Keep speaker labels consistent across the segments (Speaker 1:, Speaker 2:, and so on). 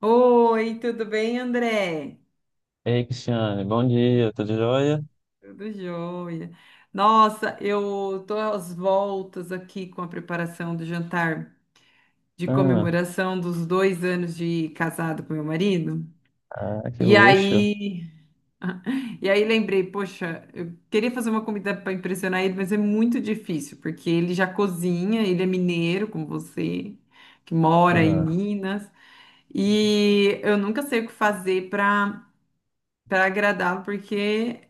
Speaker 1: Oi, tudo bem, André?
Speaker 2: Ei, Cristiane, bom dia, tudo jóia?
Speaker 1: Tudo jóia. Nossa, eu tô às voltas aqui com a preparação do jantar de
Speaker 2: Ah,
Speaker 1: comemoração dos 2 anos de casado com meu marido.
Speaker 2: ah, que
Speaker 1: E
Speaker 2: luxo.
Speaker 1: aí, e aí lembrei, poxa, eu queria fazer uma comida para impressionar ele, mas é muito difícil, porque ele já cozinha, ele é mineiro, como você, que mora em
Speaker 2: Ah,
Speaker 1: Minas, e eu nunca sei o que fazer para agradar, porque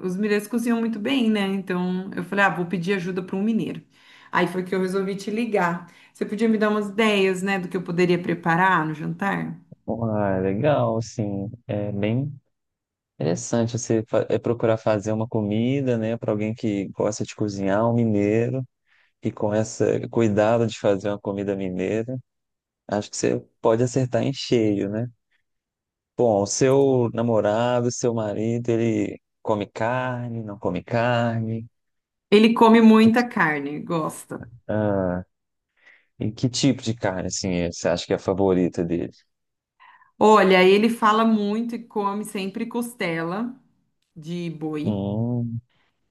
Speaker 1: os mineiros cozinham muito bem, né? Então eu falei, ah, vou pedir ajuda para um mineiro. Aí foi que eu resolvi te ligar. Você podia me dar umas ideias, né, do que eu poderia preparar no jantar?
Speaker 2: uai, legal, assim, é bem interessante você procurar fazer uma comida, né, para alguém que gosta de cozinhar, um mineiro, e com esse cuidado de fazer uma comida mineira, acho que você pode acertar em cheio, né? Bom, o seu namorado, seu marido, ele come carne, não come carne?
Speaker 1: Ele come
Speaker 2: Que-
Speaker 1: muita carne, gosta.
Speaker 2: Ah, e que tipo de carne, assim, você acha que é a favorita dele?
Speaker 1: Olha, ele fala muito e come sempre costela de boi.
Speaker 2: Hum,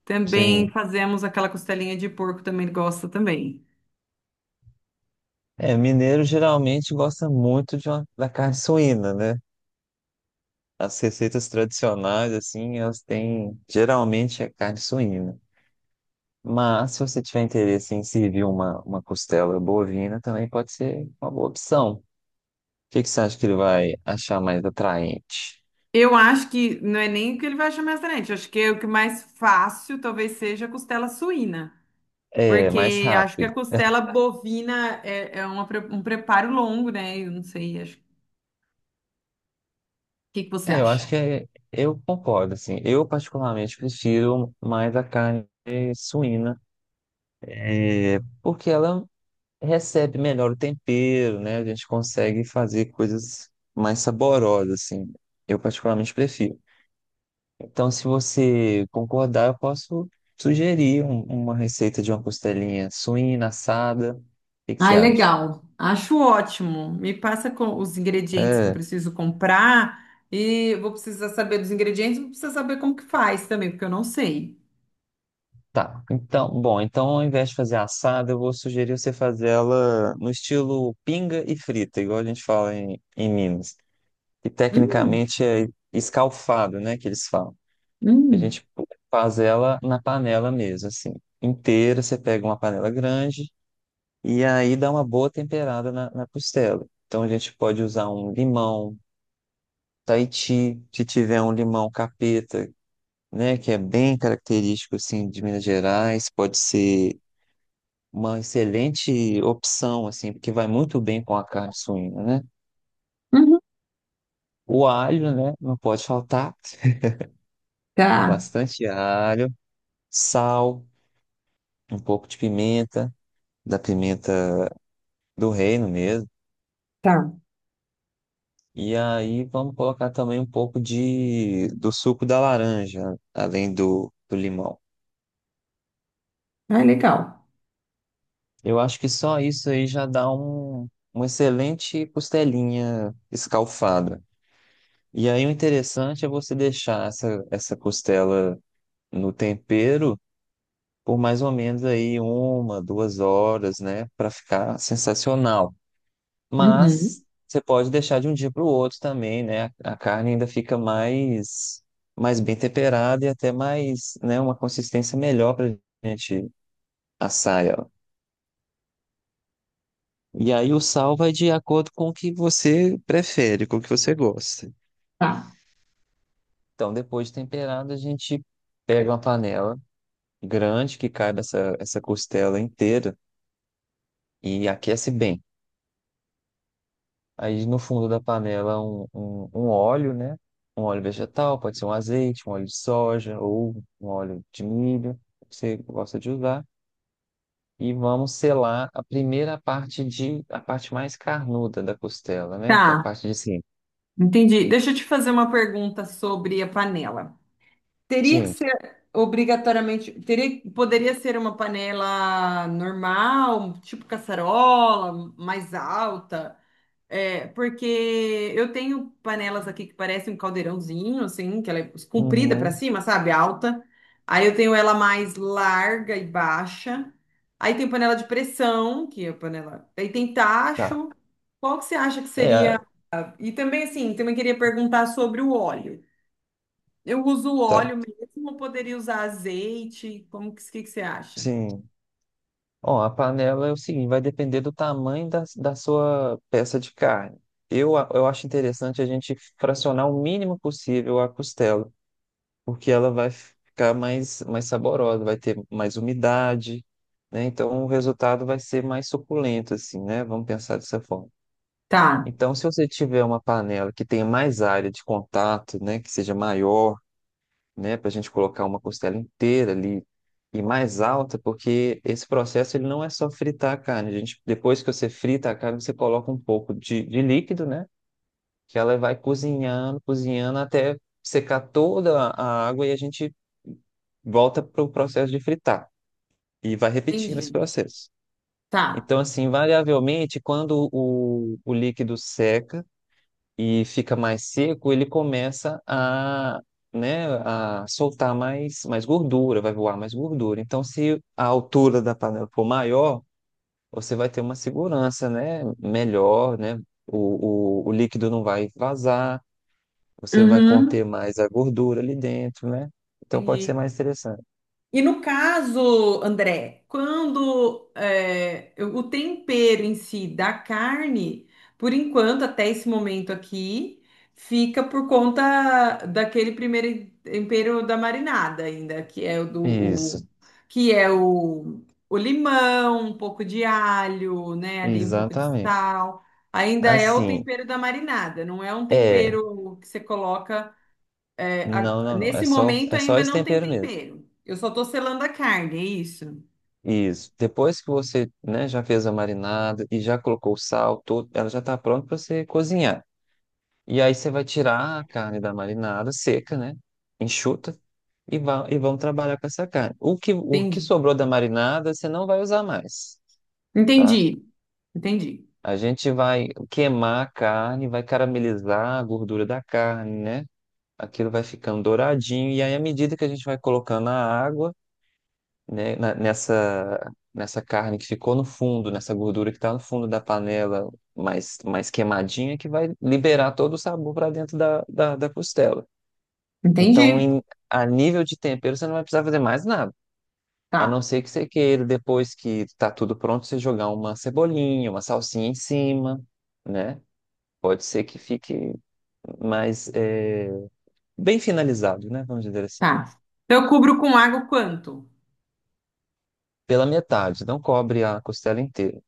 Speaker 1: Também
Speaker 2: sim.
Speaker 1: fazemos aquela costelinha de porco, também ele gosta também.
Speaker 2: É, mineiro geralmente gosta muito de da carne suína, né? As receitas tradicionais, assim, elas têm, geralmente é carne suína. Mas se você tiver interesse em servir uma costela bovina, também pode ser uma boa opção. O que que você acha que ele vai achar mais atraente?
Speaker 1: Eu acho que não é nem o que ele vai achar mais atraente, acho que é o que mais fácil talvez seja a costela suína.
Speaker 2: É, mais
Speaker 1: Porque acho que
Speaker 2: rápido.
Speaker 1: a costela bovina é uma um preparo longo, né? Eu não sei, acho. O que que você
Speaker 2: É, eu acho
Speaker 1: acha?
Speaker 2: que eu concordo, assim. Eu particularmente prefiro mais a carne suína, é, porque ela recebe melhor o tempero, né? A gente consegue fazer coisas mais saborosas, assim. Eu particularmente prefiro. Então, se você concordar, eu posso sugerir uma receita de uma costelinha suína, assada. O que que você
Speaker 1: Ai,
Speaker 2: acha?
Speaker 1: legal. Acho ótimo. Me passa com os ingredientes que eu
Speaker 2: É,
Speaker 1: preciso comprar e vou precisar saber dos ingredientes, vou precisar saber como que faz também, porque eu não sei.
Speaker 2: tá. Então, bom, então ao invés de fazer assada, eu vou sugerir você fazer ela no estilo pinga e frita, igual a gente fala em Minas. E
Speaker 1: Hum,
Speaker 2: tecnicamente é escalfado, né, que eles falam. A
Speaker 1: hum,
Speaker 2: gente faz ela na panela mesmo, assim, inteira. Você pega uma panela grande e aí dá uma boa temperada na costela. Então a gente pode usar um limão Tahiti, se tiver um limão capeta, né, que é bem característico assim de Minas Gerais, pode ser uma excelente opção assim, porque vai muito bem com a carne suína, né?
Speaker 1: uhum.
Speaker 2: O alho, né, não pode faltar.
Speaker 1: Tá,
Speaker 2: Bastante alho, sal, um pouco de pimenta, da pimenta do reino mesmo.
Speaker 1: tá.
Speaker 2: E aí vamos colocar também um pouco de do suco da laranja, além do limão.
Speaker 1: Ai, legal.
Speaker 2: Eu acho que só isso aí já dá uma excelente costelinha escalfada. E aí o interessante é você deixar essa costela no tempero por mais ou menos aí uma, duas horas, né, para ficar sensacional. Mas
Speaker 1: Uhum,
Speaker 2: você pode deixar de um dia para o outro também, né? A carne ainda fica mais, mais bem temperada e até mais, né, uma consistência melhor para a gente assar ela. E aí o sal vai de acordo com o que você prefere, com o que você gosta.
Speaker 1: tá.
Speaker 2: Então, depois de temperado, a gente pega uma panela grande que caiba essa costela inteira e aquece bem. Aí no fundo da panela um óleo, né? Um óleo vegetal, pode ser um azeite, um óleo de soja ou um óleo de milho, que você gosta de usar. E vamos selar a primeira parte de a parte mais carnuda da costela, né? Que é a
Speaker 1: Tá.
Speaker 2: parte de cima.
Speaker 1: Entendi. Deixa eu te fazer uma pergunta sobre a panela. Teria que
Speaker 2: Sim.
Speaker 1: ser obrigatoriamente, teria, poderia ser uma panela normal, tipo caçarola, mais alta, é, porque eu tenho panelas aqui que parecem um caldeirãozinho, assim, que ela é comprida para
Speaker 2: Uhum.
Speaker 1: cima, sabe? Alta. Aí eu tenho ela mais larga e baixa. Aí tem panela de pressão, que é a panela. Aí tem
Speaker 2: Tá.
Speaker 1: tacho. Qual que você acha que
Speaker 2: É, a-
Speaker 1: seria e também, assim, também queria perguntar sobre o óleo. Eu uso o
Speaker 2: tá.
Speaker 1: óleo mesmo ou poderia usar azeite? Como que você acha?
Speaker 2: Sim. Ó, a panela é o seguinte, vai depender do tamanho da sua peça de carne. Eu acho interessante a gente fracionar o mínimo possível a costela porque ela vai ficar mais, mais saborosa, vai ter mais umidade, né? Então o resultado vai ser mais suculento, assim, né? Vamos pensar dessa forma.
Speaker 1: Tá,
Speaker 2: Então, se você tiver uma panela que tenha mais área de contato, né, que seja maior, né, para a gente colocar uma costela inteira ali e mais alta, porque esse processo ele não é só fritar a carne. A gente, depois que você frita a carne, você coloca um pouco de líquido, né? Que ela vai cozinhando, cozinhando até secar toda a água e a gente volta para o processo de fritar e vai repetindo esse
Speaker 1: entendi.
Speaker 2: processo.
Speaker 1: Tá.
Speaker 2: Então, assim, variavelmente, quando o líquido seca e fica mais seco, ele começa né, a soltar mais, mais gordura, vai voar mais gordura. Então, se a altura da panela for maior, você vai ter uma segurança, né, melhor, né? O líquido não vai vazar, você vai conter
Speaker 1: Uhum.
Speaker 2: mais a gordura ali dentro, né? Então pode ser
Speaker 1: Entendi.
Speaker 2: mais interessante.
Speaker 1: E no caso, André, quando é, o tempero em si da carne, por enquanto, até esse momento aqui, fica por conta daquele primeiro tempero da marinada ainda, que é
Speaker 2: Isso,
Speaker 1: que é o limão, um pouco de alho, né? Ali um pouco de
Speaker 2: exatamente.
Speaker 1: sal. Ainda é o
Speaker 2: Assim,
Speaker 1: tempero da marinada, não é um
Speaker 2: é,
Speaker 1: tempero que você coloca. É,
Speaker 2: não,
Speaker 1: a-
Speaker 2: não, não,
Speaker 1: nesse momento
Speaker 2: é só
Speaker 1: ainda
Speaker 2: esse
Speaker 1: não tem
Speaker 2: tempero mesmo.
Speaker 1: tempero. Eu só tô selando a carne, é isso?
Speaker 2: Isso. Depois que você, né, já fez a marinada e já colocou o sal, todo, ela já está pronta para você cozinhar. E aí você vai tirar a carne da marinada seca, né? Enxuta e e vamos trabalhar com essa carne. O que
Speaker 1: Entendi.
Speaker 2: sobrou da marinada, você não vai usar mais, tá?
Speaker 1: Entendi. Entendi.
Speaker 2: A gente vai queimar a carne, vai caramelizar a gordura da carne, né? Aquilo vai ficando douradinho. E aí, à medida que a gente vai colocando a água, né, nessa, nessa carne que ficou no fundo, nessa gordura que está no fundo da panela, mais, mais queimadinha, que vai liberar todo o sabor para dentro da costela. Então,
Speaker 1: Entendi.
Speaker 2: a nível de tempero, você não vai precisar fazer mais nada. A não
Speaker 1: Tá,
Speaker 2: ser que você queira, depois que está tudo pronto, você jogar uma cebolinha, uma salsinha em cima, né? Pode ser que fique mais bem finalizado, né? Vamos dizer assim.
Speaker 1: tá. Então eu cubro com água quanto?
Speaker 2: Pela metade, não cobre a costela inteira.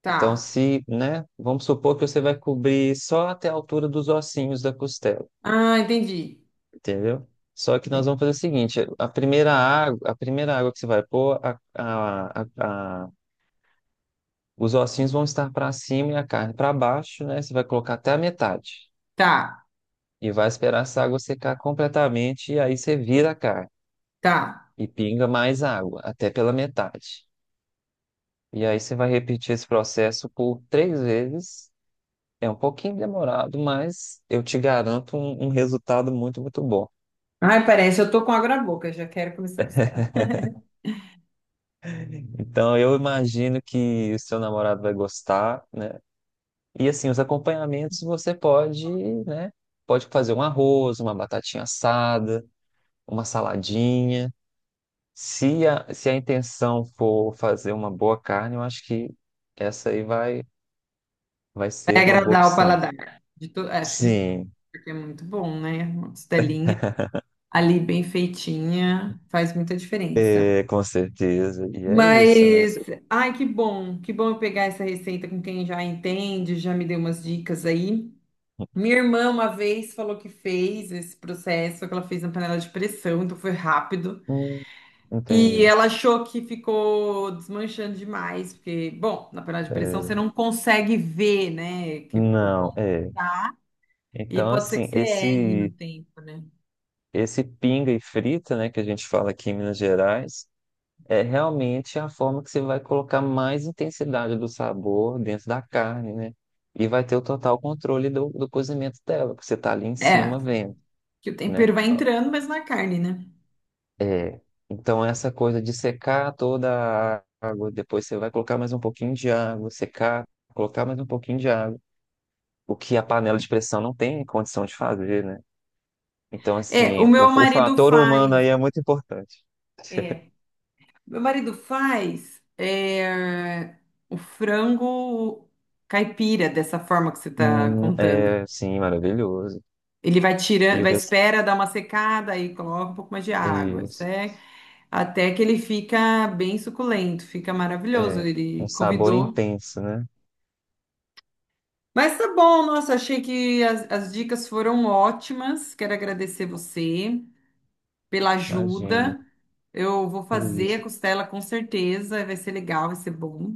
Speaker 1: Tá.
Speaker 2: Então, se, né? Vamos supor que você vai cobrir só até a altura dos ossinhos da costela,
Speaker 1: Ah, entendi.
Speaker 2: entendeu? Só que nós
Speaker 1: Entendi.
Speaker 2: vamos fazer o seguinte: a primeira água que você vai pôr, os ossinhos vão estar para cima e a carne para baixo, né? Você vai colocar até a metade
Speaker 1: Tá,
Speaker 2: e vai esperar essa água secar completamente e aí você vira a carne.
Speaker 1: tá.
Speaker 2: E pinga mais água, até pela metade. E aí você vai repetir esse processo por três vezes. É um pouquinho demorado, mas eu te garanto um resultado muito, muito bom.
Speaker 1: Ai, parece, eu tô com água na boca, já quero comer essa costela.
Speaker 2: Então, eu imagino que o seu namorado vai gostar, né? E assim, os acompanhamentos você pode, né? Pode fazer um arroz, uma batatinha assada, uma saladinha. Se se a intenção for fazer uma boa carne, eu acho que essa aí vai ser
Speaker 1: Vai
Speaker 2: uma boa
Speaker 1: agradar o
Speaker 2: opção.
Speaker 1: paladar. É, acho que de todo,
Speaker 2: Sim.
Speaker 1: porque é muito bom, né? Uma costelinha ali bem feitinha faz muita diferença.
Speaker 2: É, com certeza. E é isso, né?
Speaker 1: Mas, ai, que bom eu pegar essa receita com quem já entende, já me deu umas dicas aí. Minha irmã uma vez falou que fez esse processo, que ela fez na panela de pressão, então foi rápido.
Speaker 2: Hum.
Speaker 1: E
Speaker 2: Entendi.
Speaker 1: ela achou que ficou desmanchando demais, porque, bom, na panela de pressão
Speaker 2: É,
Speaker 1: você não consegue ver, né, que o
Speaker 2: não,
Speaker 1: ponto
Speaker 2: é.
Speaker 1: tá, e
Speaker 2: Então,
Speaker 1: pode ser que
Speaker 2: assim,
Speaker 1: você erre no tempo, né?
Speaker 2: esse pinga e frita, né, que a gente fala aqui em Minas Gerais, é realmente a forma que você vai colocar mais intensidade do sabor dentro da carne, né? E vai ter o total controle do cozimento dela, porque você tá ali em
Speaker 1: É,
Speaker 2: cima vendo,
Speaker 1: que o
Speaker 2: né?
Speaker 1: tempero vai entrando, mas na carne, né?
Speaker 2: É, então essa coisa de secar toda a água, depois você vai colocar mais um pouquinho de água, secar, colocar mais um pouquinho de água, o que a panela de pressão não tem condição de fazer, né? Então,
Speaker 1: É,
Speaker 2: assim,
Speaker 1: o meu
Speaker 2: o
Speaker 1: marido
Speaker 2: fator humano
Speaker 1: faz.
Speaker 2: aí é muito importante.
Speaker 1: É. Meu marido faz é, o frango caipira, dessa forma que você está contando.
Speaker 2: É, sim, maravilhoso.
Speaker 1: Ele vai tirando,
Speaker 2: E o
Speaker 1: vai
Speaker 2: res...
Speaker 1: espera dar uma secada e coloca um pouco mais de água. Isso
Speaker 2: isso,
Speaker 1: é até que ele fica bem suculento, fica maravilhoso.
Speaker 2: é,
Speaker 1: Ele
Speaker 2: um sabor
Speaker 1: convidou.
Speaker 2: intenso, né?
Speaker 1: Mas tá bom, nossa, achei que as dicas foram ótimas. Quero agradecer você pela
Speaker 2: Imagina,
Speaker 1: ajuda. Eu vou
Speaker 2: que
Speaker 1: fazer
Speaker 2: isso.
Speaker 1: a costela com certeza, vai ser legal, vai ser bom.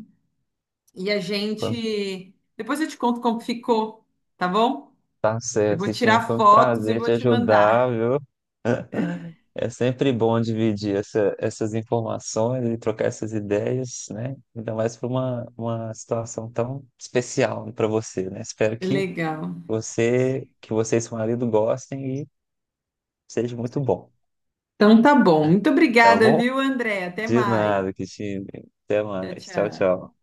Speaker 1: E a gente. Depois eu te conto como ficou, tá bom?
Speaker 2: Tá
Speaker 1: Eu
Speaker 2: certo,
Speaker 1: vou
Speaker 2: Cristina.
Speaker 1: tirar
Speaker 2: Foi um
Speaker 1: fotos e
Speaker 2: prazer
Speaker 1: vou
Speaker 2: te
Speaker 1: te mandar.
Speaker 2: ajudar, viu? É sempre bom dividir essas informações e trocar essas ideias, né? Ainda mais para uma situação tão especial para você, né? Espero que
Speaker 1: Legal.
Speaker 2: que você e seu marido gostem e seja muito bom,
Speaker 1: Então tá bom. Muito
Speaker 2: tá
Speaker 1: obrigada,
Speaker 2: bom?
Speaker 1: viu, André? Até
Speaker 2: De
Speaker 1: mais.
Speaker 2: nada, Cristina. Até
Speaker 1: Tchau,
Speaker 2: mais. Tchau,
Speaker 1: tchau.
Speaker 2: tchau.